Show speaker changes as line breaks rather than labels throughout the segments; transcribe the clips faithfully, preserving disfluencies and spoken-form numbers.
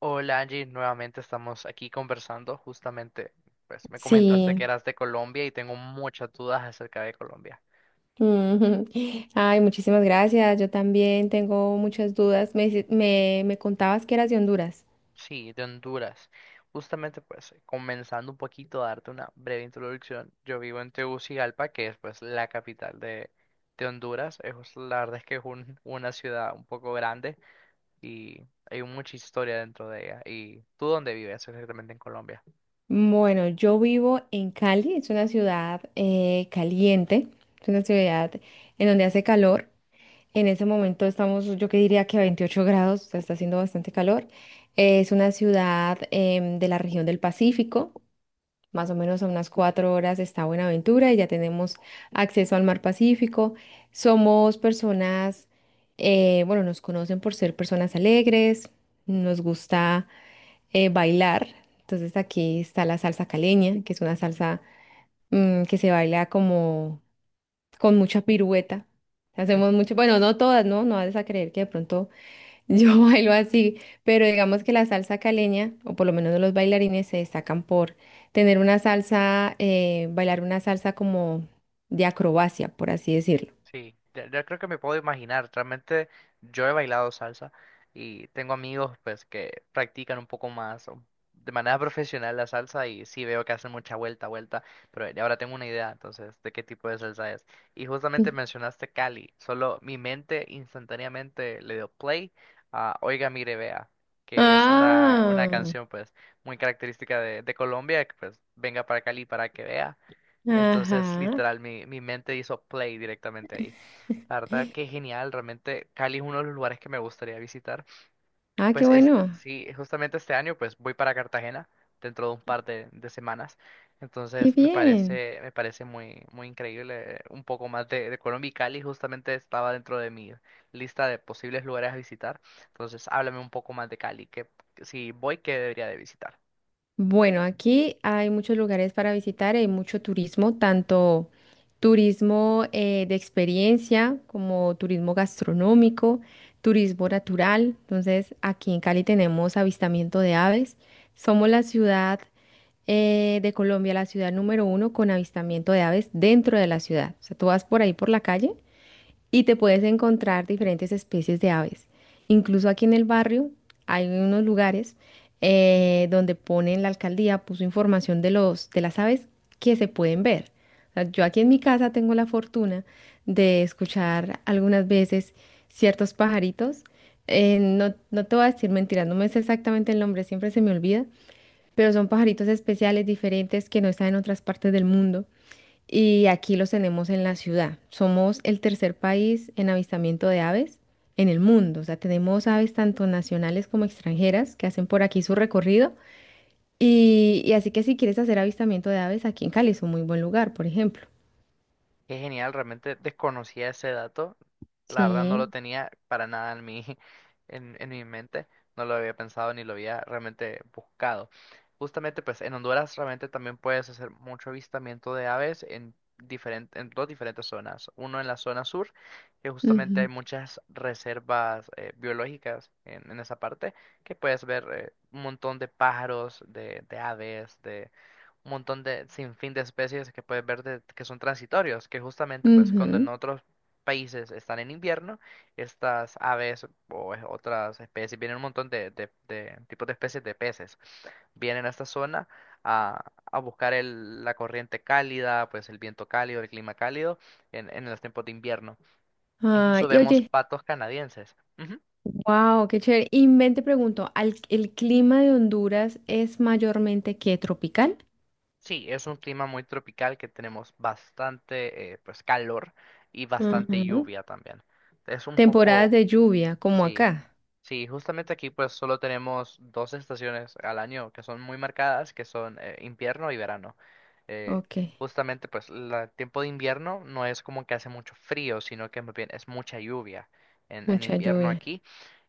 Hola Angie, nuevamente estamos aquí conversando. Justamente, pues me comentaste
Sí.
que eras de Colombia y tengo muchas dudas acerca de Colombia.
Ujú. Ay, muchísimas gracias. Yo también tengo muchas dudas. Me, dice- me, me contabas que eras de Honduras.
Sí, de Honduras. Justamente, pues, comenzando un poquito a darte una breve introducción, yo vivo en Tegucigalpa, que es pues la capital de, de Honduras. Es, pues, la verdad es que es un- una ciudad un poco grande y hay mucha historia dentro de ella. ¿Y tú dónde vives exactamente en Colombia?
Bueno, yo vivo en Cali, es una ciudad eh, caliente, es una ciudad en donde hace calor. En ese momento estamos, yo que diría que a veintiocho grados, o sea, está haciendo bastante calor. Eh, es una ciudad em, de la región del Pacífico. Más o menos a unas cuatro horas está Buenaventura y ya tenemos acceso al mar Pacífico. Somos personas, eh, bueno, nos conocen por ser personas alegres, nos gusta eh, bailar. Entonces aquí está la salsa caleña, que es una salsa mm, que se baila como con mucha pirueta. Hacemos mucho, bueno, no todas, ¿no? No vas a creer que de pronto yo bailo así, pero digamos que la salsa caleña, o por lo menos los bailarines, se destacan por tener una salsa, eh, bailar una salsa como de acrobacia, por así decirlo.
Sí, ya, ya creo que me puedo imaginar. Realmente yo he bailado salsa y tengo amigos pues que practican un poco más o de manera profesional la salsa y sí veo que hacen mucha vuelta, vuelta, pero ya ahora tengo una idea entonces de qué tipo de salsa es. Y justamente
Mm.
mencionaste Cali, solo mi mente instantáneamente le dio play a Oiga, mire, vea, que es una, una
Ah,
canción pues muy característica de, de Colombia, que pues venga para Cali para que vea. Entonces,
ajá.
literal, mi, mi mente hizo play directamente ahí. La verdad que genial, realmente Cali es uno de los lugares que me gustaría visitar.
Ah, qué
Pues este,
bueno.
sí, justamente este año pues voy para Cartagena dentro de un par de, de semanas.
Qué
Entonces me
bien.
parece, me parece muy, muy increíble eh, un poco más de, de Colombia y Cali justamente estaba dentro de mi lista de posibles lugares a visitar. Entonces háblame un poco más de Cali, que si voy, ¿qué debería de visitar?
Bueno, aquí hay muchos lugares para visitar, hay mucho turismo, tanto turismo eh, de experiencia como turismo gastronómico, turismo natural. Entonces, aquí en Cali tenemos avistamiento de aves. Somos la ciudad eh, de Colombia, la ciudad número uno con avistamiento de aves dentro de la ciudad. O sea, tú vas por ahí por la calle y te puedes encontrar diferentes especies de aves. Incluso aquí en el barrio hay unos lugares eh, donde ponen, la alcaldía puso información de los, de las aves que se pueden ver. O sea, yo aquí en mi casa tengo la fortuna de escuchar algunas veces ciertos pajaritos. Eh, no, no te voy a decir mentiras, no me sé exactamente el nombre, siempre se me olvida, pero son pajaritos especiales, diferentes, que no están en otras partes del mundo y aquí los tenemos en la ciudad. Somos el tercer país en avistamiento de aves en el mundo. O sea, tenemos aves tanto nacionales como extranjeras que hacen por aquí su recorrido. Y, y así que si quieres hacer avistamiento de aves, aquí en Cali es un muy buen lugar, por ejemplo.
Qué genial, realmente desconocía ese dato. La verdad no lo
Sí.
tenía para nada en mi, en, en mi mente. No lo había pensado ni lo había realmente buscado. Justamente, pues en Honduras realmente también puedes hacer mucho avistamiento de aves en, diferente, en dos diferentes zonas. Uno en la zona sur, que justamente hay
Ujú,
muchas reservas eh, biológicas en, en esa parte, que puedes ver eh, un montón de pájaros, de, de aves, un montón de sinfín de especies que puedes ver de- que son transitorios, que justamente pues cuando en
ujú.
otros países están en invierno, estas aves o es- otras especies, vienen un montón de, de- de tipos de especies de peces, vienen a esta zona a, a buscar el- la corriente cálida, pues el viento cálido, el clima cálido en, en los tiempos de invierno.
Ay,
Incluso
y
vemos
oye,
patos canadienses.
wow, qué chévere. Y ven, te pregunto, ¿al- ¿el clima de Honduras es mayormente que tropical?
Sí, es un clima muy tropical que tenemos bastante eh, pues calor y bastante
Ujú.
lluvia también. Es un
Temporadas
poco,
de lluvia, como
sí,
acá.
sí, justamente aquí pues solo tenemos dos estaciones al año que son muy marcadas, que son eh, invierno y verano. Eh,
Ok,
justamente pues la- el tiempo de invierno no es como que hace mucho frío, sino que más bien es mucha lluvia en, en
mucha
invierno
lluvia.
aquí.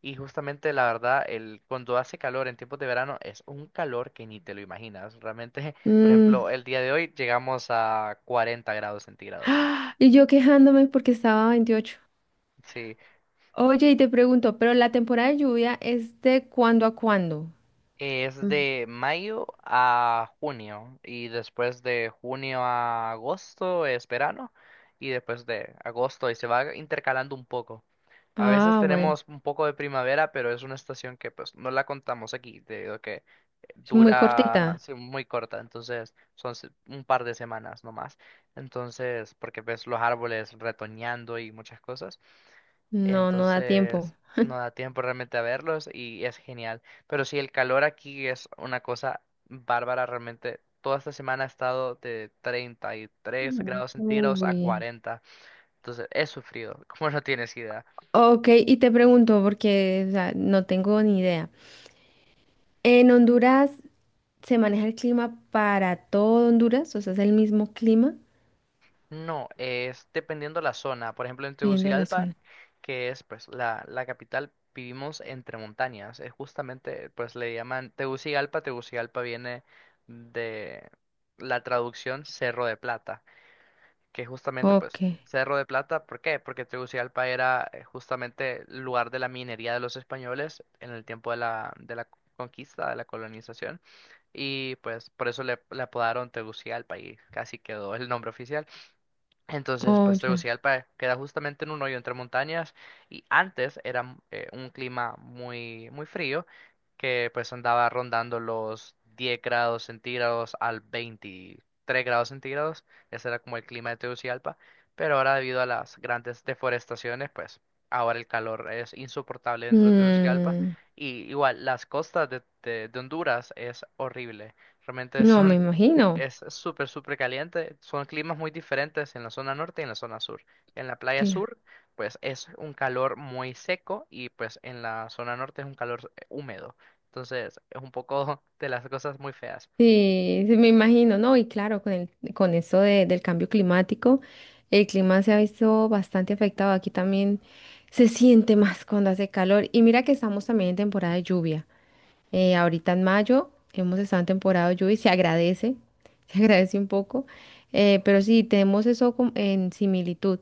Y justamente la verdad, el, cuando hace calor en tiempos de verano es un calor que ni te lo imaginas. Realmente, por
Mm,
ejemplo, el día de hoy llegamos a cuarenta grados centígrados.
¡ah! Y yo quejándome porque estaba a veintiocho.
Sí,
Oye, y te pregunto, ¿pero la temporada de lluvia es de cuándo a cuándo?
es
Mm.
de mayo a junio y después de junio a agosto es verano y después de agosto y se va intercalando un poco. A veces
Ah, bueno,
tenemos un poco de primavera, pero es una estación que pues no la contamos aquí, debido a que
es muy
dura
cortita.
sí, muy corta, entonces son se- un par de semanas nomás. Entonces, porque ves los árboles retoñando y muchas cosas,
No, no da tiempo.
entonces no da tiempo realmente a verlos y es genial. Pero sí, el calor aquí es una cosa bárbara realmente. Toda esta semana ha estado de treinta y tres
Mm.
grados centígrados a
Uy.
cuarenta, entonces he sufrido, como no tienes idea.
Ok, y te pregunto, porque o sea, no tengo ni idea. ¿En Honduras se maneja el clima para todo Honduras? O sea, ¿es el mismo clima,
No, es dependiendo la zona. Por ejemplo, en
viendo la
Tegucigalpa,
zona?
que es pues la, la capital, vivimos entre montañas. Es justamente, pues le llaman Tegucigalpa. Tegucigalpa viene de la traducción Cerro de Plata, que justamente
Ok,
pues Cerro de Plata. ¿Por qué? Porque Tegucigalpa era eh, justamente el lugar de la minería de los españoles en el tiempo de la, de la conquista, de la colonización. Y pues por eso le, le apodaron Tegucigalpa y casi quedó el nombre oficial. Entonces,
oh,
pues
ya.
Tegucigalpa queda justamente en un hoyo entre montañas y antes era mm, eh, un clima muy, muy frío que pues andaba rondando los diez grados centígrados al veintitrés grados centígrados. Ese era como el clima de Tegucigalpa, pero ahora debido a las grandes deforestaciones, pues ahora el calor es insoportable dentro de Tegucigalpa
Mm,
y igual las costas de, de- de Honduras es horrible. Realmente
no me
son
imagino.
es es súper, súper caliente. Son climas muy diferentes en la zona norte y en la zona sur. En la playa sur, pues es un calor muy seco y pues en la zona norte es un calor eh, húmedo. Entonces, es un poco de las cosas muy feas.
Sí, sí, me imagino, ¿no? Y claro, con el, con eso de- del cambio climático, el clima se ha visto bastante afectado. Aquí también se siente más cuando hace calor. Y mira que estamos también en temporada de lluvia. Eh, ahorita en mayo hemos estado en temporada de lluvia y se agradece, se agradece un poco. Eh, pero sí, tenemos eso com- en similitud.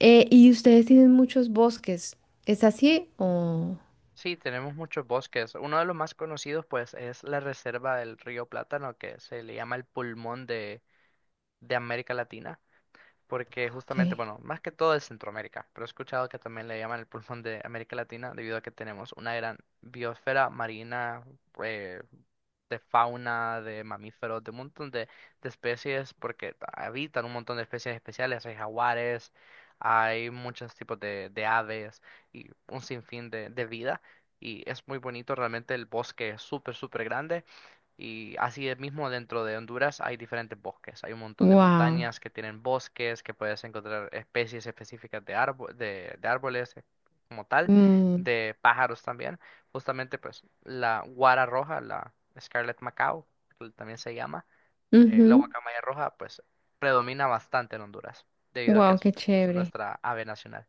Eh, y ustedes tienen muchos bosques. ¿Es así? Oh,
Sí, tenemos muchos bosques. Uno de los más conocidos, pues, es la reserva del río Plátano, que se le llama el pulmón de, de América Latina. Porque justamente,
ok.
bueno, más que todo es Centroamérica, pero he escuchado que también le llaman el pulmón de América Latina debido a que tenemos una gran biosfera marina, eh, de fauna, de mamíferos, de un montón de, de especies, porque habitan un montón de especies especiales, hay jaguares, hay muchos tipos de, de aves y un sinfín de, de vida. Y es muy bonito, realmente el bosque es súper, súper grande. Y así es mismo dentro de Honduras hay diferentes bosques. Hay un montón de
Wow.
montañas que tienen bosques, que puedes encontrar especies específicas de, árbo- de, de árboles eh, como tal,
Mm,
de pájaros también. Justamente, pues, la guara roja, la Scarlet Macao, que también se llama, eh, la guacamaya roja, pues, predomina bastante en Honduras, debido a que
wow,
es,
qué
es
chévere.
nuestra ave nacional.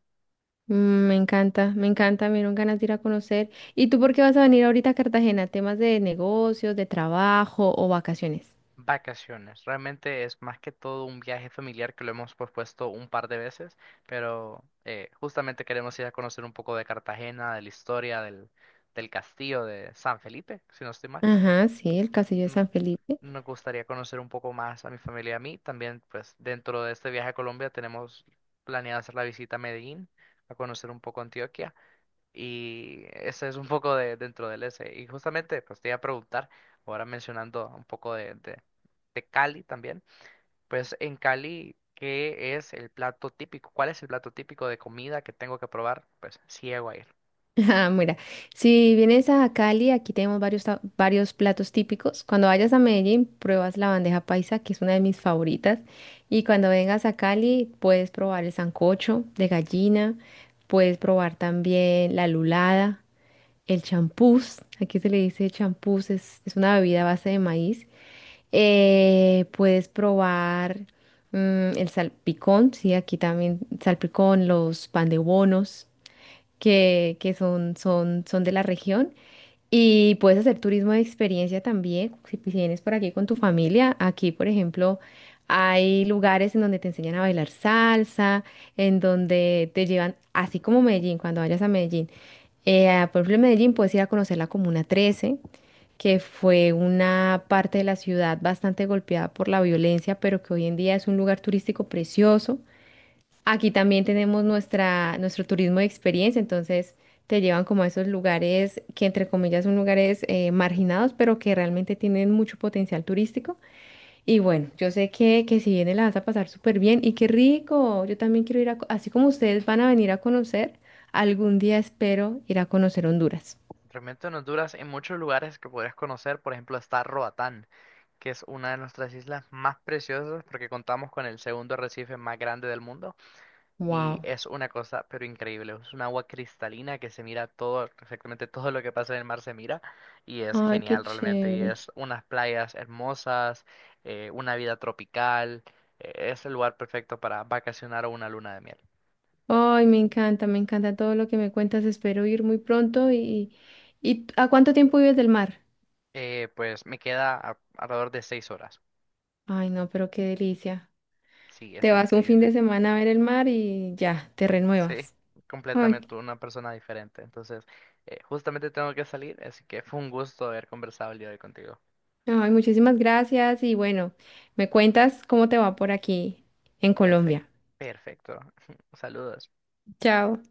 Mm, me encanta, me encanta, me dieron ganas de ir a conocer. ¿Y tú por qué vas a venir ahorita a Cartagena? ¿Temas de negocios, de trabajo o vacaciones?
Vacaciones. Realmente es más que todo un viaje familiar que lo hemos propuesto un par de veces, pero eh, justamente queremos ir a conocer un poco de Cartagena, de la historia del, del castillo de San Felipe, si no estoy mal.
Ajá, sí, el Castillo de
no-
San Felipe.
Nos gustaría conocer un poco más a mi familia y a mí. También, pues, dentro de este viaje a Colombia tenemos planeado hacer la visita a Medellín, a conocer un poco Antioquia. Y ese es un poco de dentro del ese. Y justamente, pues, te iba a preguntar, ahora mencionando un poco de, de, de Cali también, pues, en Cali, ¿qué es el plato típico? ¿Cuál es el plato típico de comida que tengo que probar? Pues, si llego a ir.
Ah, mira, si vienes a Cali, aquí tenemos varios, ta- varios platos típicos. Cuando vayas a Medellín, pruebas la bandeja paisa, que es una de mis favoritas. Y cuando vengas a Cali, puedes probar el sancocho de gallina, puedes probar también la lulada, el champús. Aquí se le dice champús, es, es una bebida a base de maíz. Eh, puedes probar mm, el salpicón, sí, aquí también salpicón, los pan de bonos que, que son, son, son de la región. Y puedes hacer turismo de experiencia también, si pues, vienes por aquí con tu familia. Aquí, por ejemplo, hay lugares en donde te enseñan a bailar salsa, en donde te llevan, así como Medellín, cuando vayas a Medellín. Eh, ah, por ejemplo, en Medellín puedes ir a conocer la Comuna trece, que fue una parte de la ciudad bastante golpeada por la violencia, pero que hoy en día es un lugar turístico precioso. Aquí también tenemos nuestra, nuestro turismo de experiencia, entonces te llevan como a esos lugares que entre comillas son lugares eh, marginados, pero que realmente tienen mucho potencial turístico. Y bueno, yo sé que, que si vienes la vas a pasar súper bien y qué rico, yo también quiero ir a, co- así como ustedes van a venir a conocer, algún día espero ir a conocer Honduras.
Realmente en Honduras, en muchos lugares que podrías conocer, por ejemplo, está Roatán, que es una de nuestras islas más preciosas porque contamos con el segundo arrecife más grande del mundo y
Wow.
es una cosa pero increíble, es un agua cristalina que se mira todo, exactamente todo lo que pasa en el mar se mira y es
Ay, qué
genial realmente y
chévere.
es unas playas hermosas, eh, una vida tropical, eh, es el lugar perfecto para vacacionar o una luna de miel.
Ay, me encanta, me encanta todo lo que me cuentas, espero ir muy pronto y, y ¿a cuánto tiempo vives del mar?
Eh, pues me queda a- alrededor de seis horas.
Ay, no, pero qué delicia.
Sí, es
Te vas un fin de
increíble.
semana a ver el mar y ya, te
Sí,
renuevas. Ay,
completamente una persona diferente. Entonces, eh, justamente tengo que salir, así que fue un gusto haber conversado el día de hoy contigo.
ay, muchísimas gracias y bueno, me cuentas cómo te va por aquí en
Perfecto,
Colombia.
perfecto. Saludos.
Chao.